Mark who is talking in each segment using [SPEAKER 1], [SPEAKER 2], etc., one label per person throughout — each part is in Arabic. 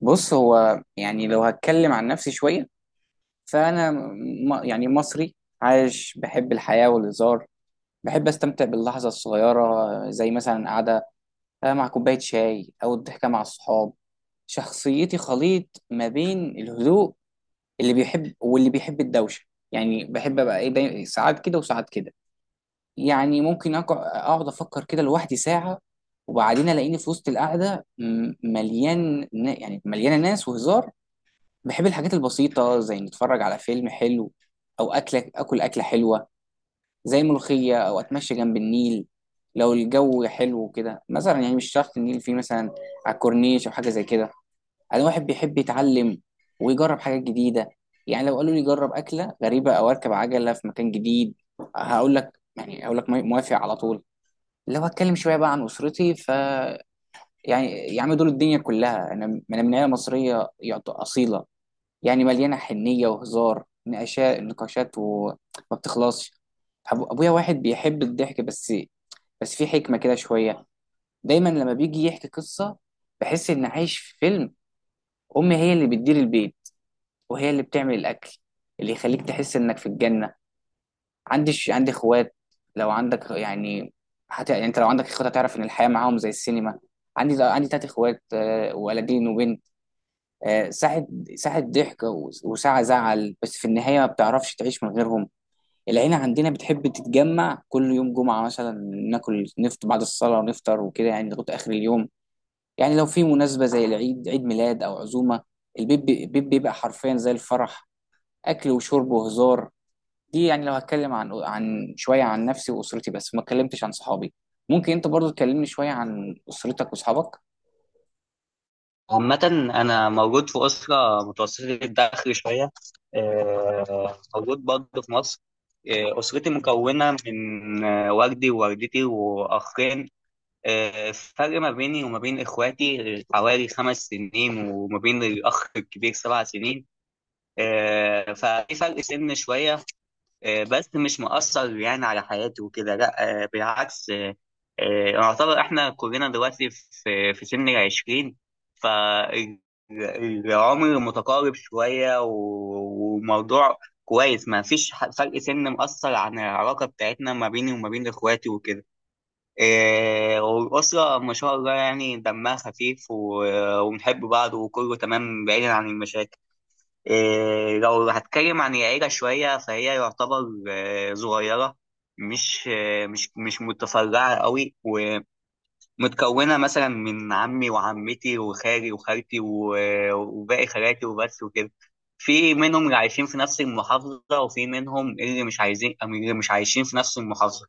[SPEAKER 1] بص، هو يعني لو هتكلم عن نفسي شوية، فأنا يعني مصري عايش، بحب الحياة والهزار. بحب أستمتع باللحظة الصغيرة، زي مثلا قعدة مع كوباية شاي أو الضحكة مع الصحاب. شخصيتي خليط ما بين الهدوء اللي بيحب، واللي بيحب الدوشة. يعني بحب أبقى إيه، دايما ساعات كده وساعات كده. يعني ممكن أقعد أفكر كده لوحدي ساعة، وبعدين ألاقيني في وسط القعدة يعني مليانة ناس وهزار. بحب الحاجات البسيطة، زي نتفرج على فيلم حلو، أو أكلة حلوة زي ملوخية، أو أتمشى جنب النيل لو الجو حلو كده مثلا. يعني مش شرط النيل، فيه مثلا على الكورنيش أو حاجة زي كده. أنا واحد بيحب يتعلم ويجرب حاجات جديدة. يعني لو قالوا لي جرب أكلة غريبة أو أركب عجلة في مكان جديد، هقول لك موافق على طول. لو هتكلم شوية بقى عن أسرتي، ف يعني يا عم دول الدنيا كلها. أنا من عيلة مصرية أصيلة. يعني مليانه حنيه وهزار، نقاشات وما بتخلصش. ابويا واحد بيحب الضحك، بس في حكمه كده شويه. دايما لما بيجي يحكي قصه بحس ان عايش في فيلم. امي هي اللي بتدير البيت، وهي اللي بتعمل الاكل اللي يخليك تحس انك في الجنه. عندي اخوات. لو عندك يعني، حتى يعني انت لو عندك اخوات هتعرف ان الحياه معاهم زي السينما. عندي تلات اخوات، آه، ولدين وبنت. آه، ساعة ساعة ضحك وساعة زعل، بس في النهاية ما بتعرفش تعيش من غيرهم. العيلة عندنا بتحب تتجمع كل يوم جمعة مثلا، ناكل نفطر بعد الصلاة، ونفطر وكده يعني لغاية آخر اليوم. يعني لو في مناسبة زي العيد، عيد ميلاد أو عزومة، البيت بيبقى حرفيا زي الفرح، أكل وشرب وهزار. دي يعني لو هتكلم عن شوية عن نفسي وأسرتي، بس ما اتكلمتش عن صحابي. ممكن أنت برضو تكلمني شوية عن أسرتك وأصحابك؟
[SPEAKER 2] عامة، أنا موجود في أسرة متوسطة الدخل شوية. موجود برضه في مصر. أسرتي مكونة من والدي ووالدتي وأخين. الفرق ما بيني وما بين إخواتي حوالي 5 سنين، وما بين الأخ الكبير 7 سنين. ففي فرق سن شوية، بس مش مؤثر يعني على حياته وكده، لا. بالعكس، يعتبر احنا كلنا دلوقتي في سن العشرين. فالعمر متقارب شوية وموضوع كويس، ما فيش فرق سن مؤثر عن العلاقة بتاعتنا ما بيني وما بين اخواتي وكده. والأسرة ما شاء الله يعني دمها خفيف وبنحب بعض، وكله تمام بعيدا عن المشاكل. إيه، لو هتكلم عن العيلة شوية فهي يعتبر صغيرة، مش مش متفرعة قوي. ومتكونة مثلا من عمي وعمتي وخالي وخالتي وباقي خالاتي وبس وكده. في منهم اللي عايشين في نفس المحافظة، وفي منهم اللي مش عايزين اللي مش عايشين في نفس المحافظة.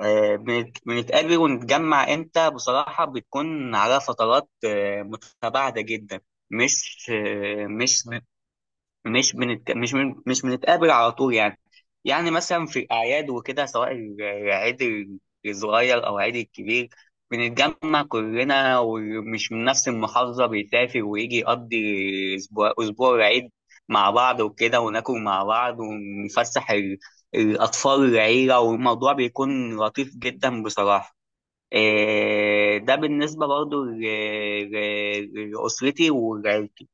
[SPEAKER 2] بنتقابل ونتجمع امتى؟ بصراحة بتكون على فترات متباعدة جدا. مش آه، مش مش بنت... مش من... مش بنتقابل على طول يعني. يعني مثلا في الأعياد وكده، سواء العيد الصغير أو العيد الكبير، بنتجمع كلنا، ومش من نفس المحافظة بيسافر ويجي يقضي أسبوع العيد مع بعض وكده، وناكل مع بعض، ونفسح الأطفال العيلة. والموضوع بيكون لطيف جدا بصراحة. إيه، ده بالنسبة برضو لأسرتي وعيلتي.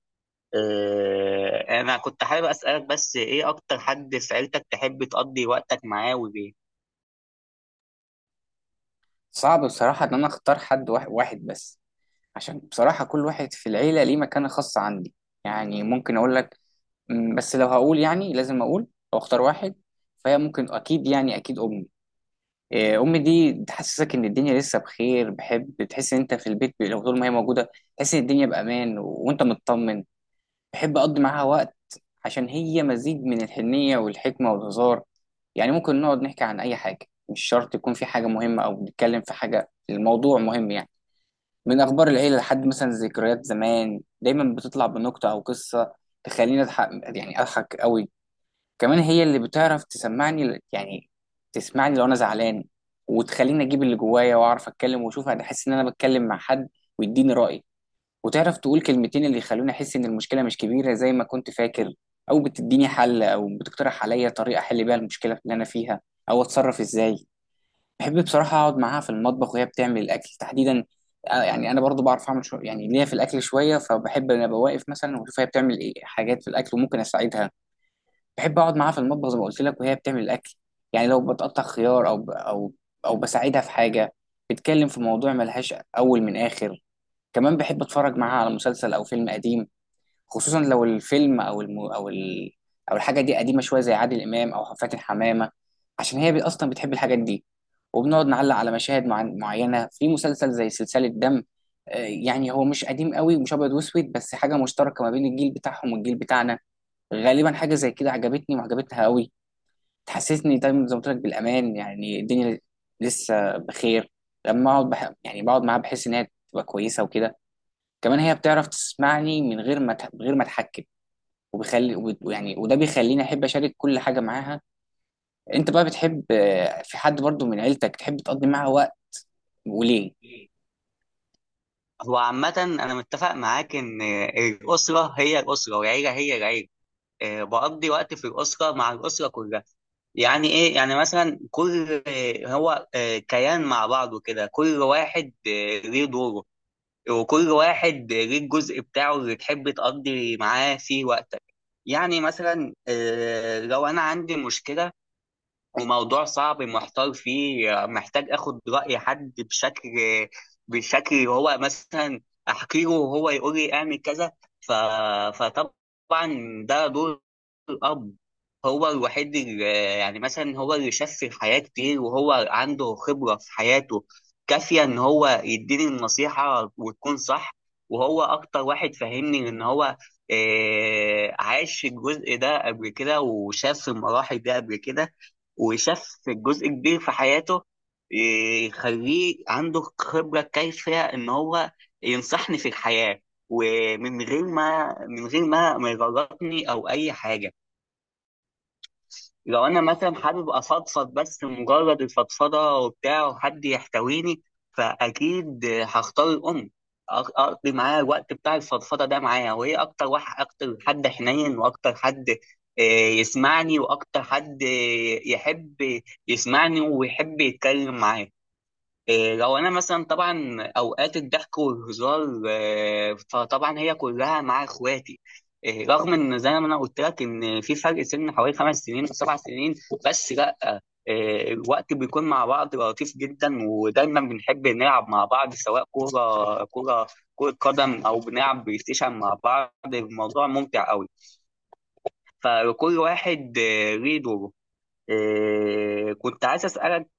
[SPEAKER 2] انا كنت حابب اسالك، بس ايه اكتر حد في عيلتك تحب تقضي وقتك معاه وليه؟
[SPEAKER 1] صعب بصراحة إن أنا أختار حد واحد، واحد بس، عشان بصراحة كل واحد في العيلة ليه مكانة خاصة عندي. يعني ممكن أقول لك، م، بس لو هقول يعني لازم أقول أو أختار واحد، فهي ممكن أكيد، يعني أكيد أمي. إيه، أمي دي تحسسك إن الدنيا لسه بخير. بحب تحس إن أنت في البيت لو طول ما هي موجودة، تحس إن الدنيا بأمان وأنت مطمن. بحب أقضي معاها وقت عشان هي مزيج من الحنية والحكمة والهزار. يعني ممكن نقعد نحكي عن أي حاجة، مش شرط يكون في حاجة مهمة أو بنتكلم في حاجة الموضوع مهم يعني، من اخبار العيله لحد مثلا ذكريات زمان. دايما بتطلع بنكته او قصه تخليني اضحك، يعني اضحك قوي. كمان هي اللي بتعرف تسمعني ل- يعني تسمعني لو انا زعلان، وتخليني اجيب اللي جوايا واعرف اتكلم واشوف، انا احس ان انا بتكلم مع حد، ويديني راي. وتعرف تقول كلمتين اللي يخلوني احس ان المشكله مش كبيره زي ما كنت فاكر، او بتديني حل او بتقترح عليا طريقه احل بيها المشكله اللي انا فيها، او اتصرف ازاي. بحب بصراحة أقعد معاها في المطبخ وهي بتعمل الأكل تحديدا. آه، يعني أنا برضو بعرف أعمل شو يعني ليا في الأكل شوية، فبحب إن أنا أبقى واقف مثلا وأشوف هي بتعمل إيه حاجات في الأكل، وممكن أساعدها. بحب أقعد معاها في المطبخ زي ما قلت لك وهي بتعمل الأكل. يعني لو بتقطع خيار أو ب- أو أو بساعدها في حاجة، بتتكلم في موضوع ملهاش أول من آخر. كمان بحب أتفرج معاها على مسلسل أو فيلم قديم، خصوصا لو الفيلم او الم... او ال... او الحاجه دي قديمه شويه، زي عادل امام او فاتن حمامه. عشان هي اصلا بتحب الحاجات دي. وبنقعد نعلق على مشاهد معينه في مسلسل زي سلسله دم. آه، يعني هو مش قديم قوي ومش ابيض واسود، بس حاجه مشتركه ما بين الجيل بتاعهم والجيل بتاعنا. غالبا حاجه زي كده عجبتني وعجبتها قوي. تحسسني دايما زي ما قلت لك بالامان، يعني الدنيا لسه بخير. لما اقعد بح... يعني بقعد معاها بحس ان هي تبقى كويسه وكده. كمان هي بتعرف تسمعني من غير ما اتحكم. وبيخلي وب- ويعني وده بيخليني احب اشارك كل حاجه معاها. انت بقى بتحب آه، في حد برضو من عيلتك تحب تقضي معاه وقت؟ وليه؟
[SPEAKER 2] هو عامه انا متفق معاك ان، الاسره هي الاسره والعيله هي العيله. بقضي وقت في الاسره مع الاسره كلها. يعني ايه؟ يعني مثلا كل هو كيان مع بعضه كده. كل واحد ليه دوره، وكل واحد ليه الجزء بتاعه اللي تحب تقضي معاه فيه وقتك. يعني مثلا لو انا عندي مشكله وموضوع صعب محتار فيه، محتاج اخد رأي حد بشكل هو مثلا احكي له وهو يقول لي اعمل كذا. ف... فطبعا ده دور الاب. هو الوحيد اللي، يعني مثلا، هو اللي شاف في الحياة كتير، وهو عنده خبرة في حياته كافية ان هو يديني النصيحة وتكون صح. وهو اكتر واحد فاهمني، ان هو عاش الجزء ده قبل كده وشاف المراحل دي قبل كده، وشاف جزء كبير في حياته، يخليه عنده خبرة كافية إن هو ينصحني في الحياة، ومن غير ما يغلطني أو أي حاجة. لو انا مثلا حابب افضفض، بس مجرد الفضفضه وبتاع وحد يحتويني، فاكيد هختار الام. اقضي معاها الوقت بتاع الفضفضه ده معاها، وهي اكتر حد حنين، واكتر حد آه، يسمعني، واكتر حد يحب يسمعني ويحب يتكلم معايا. إيه، لو انا مثلا طبعا اوقات الضحك والهزار، فطبعا هي كلها مع اخواتي. إيه، رغم ان زي ما انا قلت لك ان في فرق سن حوالي 5 سنين او 7 سنين، بس لا. إيه، الوقت بيكون مع بعض لطيف جدا، ودايما بنحب نلعب مع بعض، سواء كوره كوره كرة قدم او بنلعب بلاي ستيشن مع بعض. الموضوع ممتع قوي، فكل واحد ليه دوره. إيه، كنت عايز اسالك،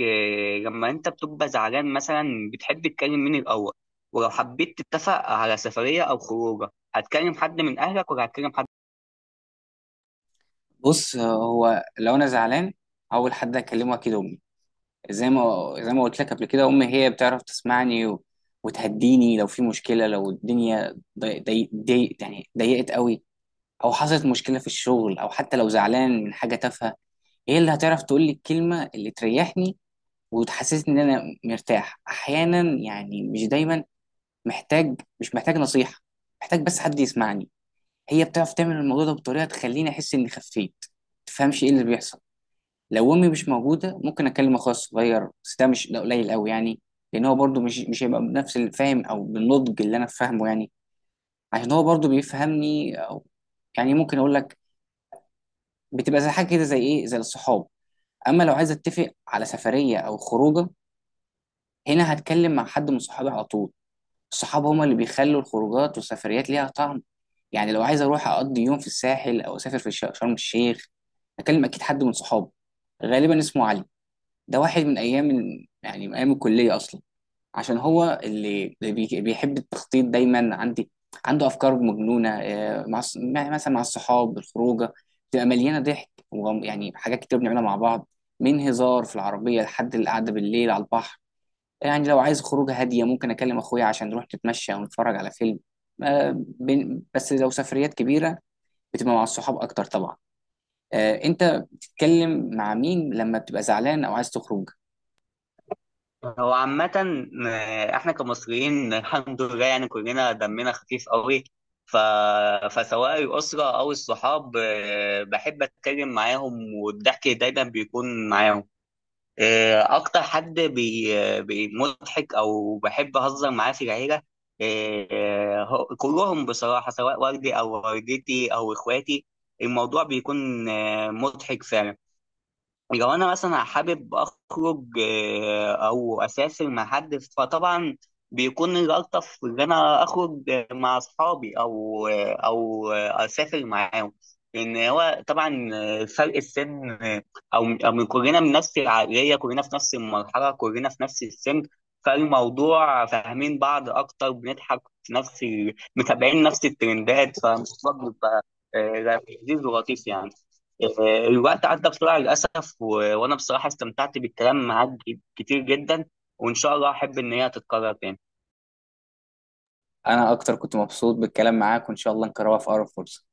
[SPEAKER 2] لما انت بتبقى زعلان مثلا بتحب تكلم مين الاول؟ ولو حبيت تتفق على سفريه او خروجه هتكلم حد من اهلك ولا هتكلم حد؟
[SPEAKER 1] بص، آه، هو لو انا زعلان اول حد اكلمه اكيد امي. زي ما قلت لك قبل كده، امي هي بتعرف تسمعني و... وتهديني لو في مشكله، لو الدنيا يعني ضيقت قوي، او حصلت مشكله في الشغل، او حتى لو زعلان من حاجه تافهه، هي اللي هتعرف تقول لي الكلمه اللي تريحني وتحسسني ان انا مرتاح. احيانا يعني مش دايما مش محتاج نصيحة، محتاج بس حد يسمعني. هي بتعرف تعمل الموضوع ده بطريقة تخليني أحس إني خفيت، تفهمش إيه اللي بيحصل. لو أمي مش موجودة ممكن أكلم أخويا الصغير، بس ده مش ده قليل أوي يعني، لأن هو برضه مش هيبقى بنفس الفهم أو بالنضج اللي أنا فاهمه يعني. عشان هو برضه بيفهمني، أو يعني ممكن أقول لك بتبقى زي حاجة كده، زي إيه، زي الصحاب. أما لو عايز أتفق على سفرية أو خروجة، هنا هتكلم مع حد من صحابي على طول. الصحاب هما اللي بيخلوا الخروجات والسفريات ليها طعم. يعني لو عايز اروح اقضي يوم في الساحل او اسافر في شرم الشيخ، اكلم اكيد حد من صحابي، غالبا اسمه علي. ده واحد من ايام ال- يعني من ايام الكليه اصلا، عشان هو اللي بيحب التخطيط. دايما عندي عنده افكار مجنونه. آه، مع مثلا مع الصحاب الخروجه بتبقى مليانه ضحك، ويعني حاجات كتير بنعملها مع بعض، من هزار في العربيه لحد القعده بالليل على البحر. يعني لو عايز خروجه هاديه ممكن اكلم اخويا عشان نروح نتمشى ونتفرج على فيلم. آه، بس لو سفريات كبيره بتبقى مع الصحاب اكتر طبعا. آه، انت بتتكلم مع مين لما بتبقى زعلان او عايز تخرج؟
[SPEAKER 2] هو عامة، احنا كمصريين الحمد لله يعني كلنا دمنا خفيف قوي. ف... فسواء الأسرة أو الصحاب، بحب أتكلم معاهم والضحك دايما بيكون معاهم. اكتر حد مضحك او بحب اهزر معاه في العيله، كلهم بصراحه، سواء والدي او والدتي او اخواتي. الموضوع بيكون مضحك فعلا. لو انا مثلا حابب اخرج او اسافر مع حد، فطبعا بيكون الالطف ان انا اخرج مع اصحابي او آه، او آه، اسافر معاهم. لان هو طبعا فرق السن، آه، او أو من كلنا من نفس العقليه، كلنا في نفس المرحله، كلنا في نفس السن. فالموضوع فاهمين بعض اكتر، بنضحك في نفس متابعين نفس الترندات، فالموضوع بيبقى لذيذ ولطيف يعني. الوقت عدى بسرعة للأسف، وأنا بصراحة استمتعت بالكلام معاك كتير جدا. وإن شاء الله أحب إن هي تتكرر تاني.
[SPEAKER 1] انا اكتر كنت مبسوط بالكلام معاك، وان شاء الله نكررها في اقرب فرصة.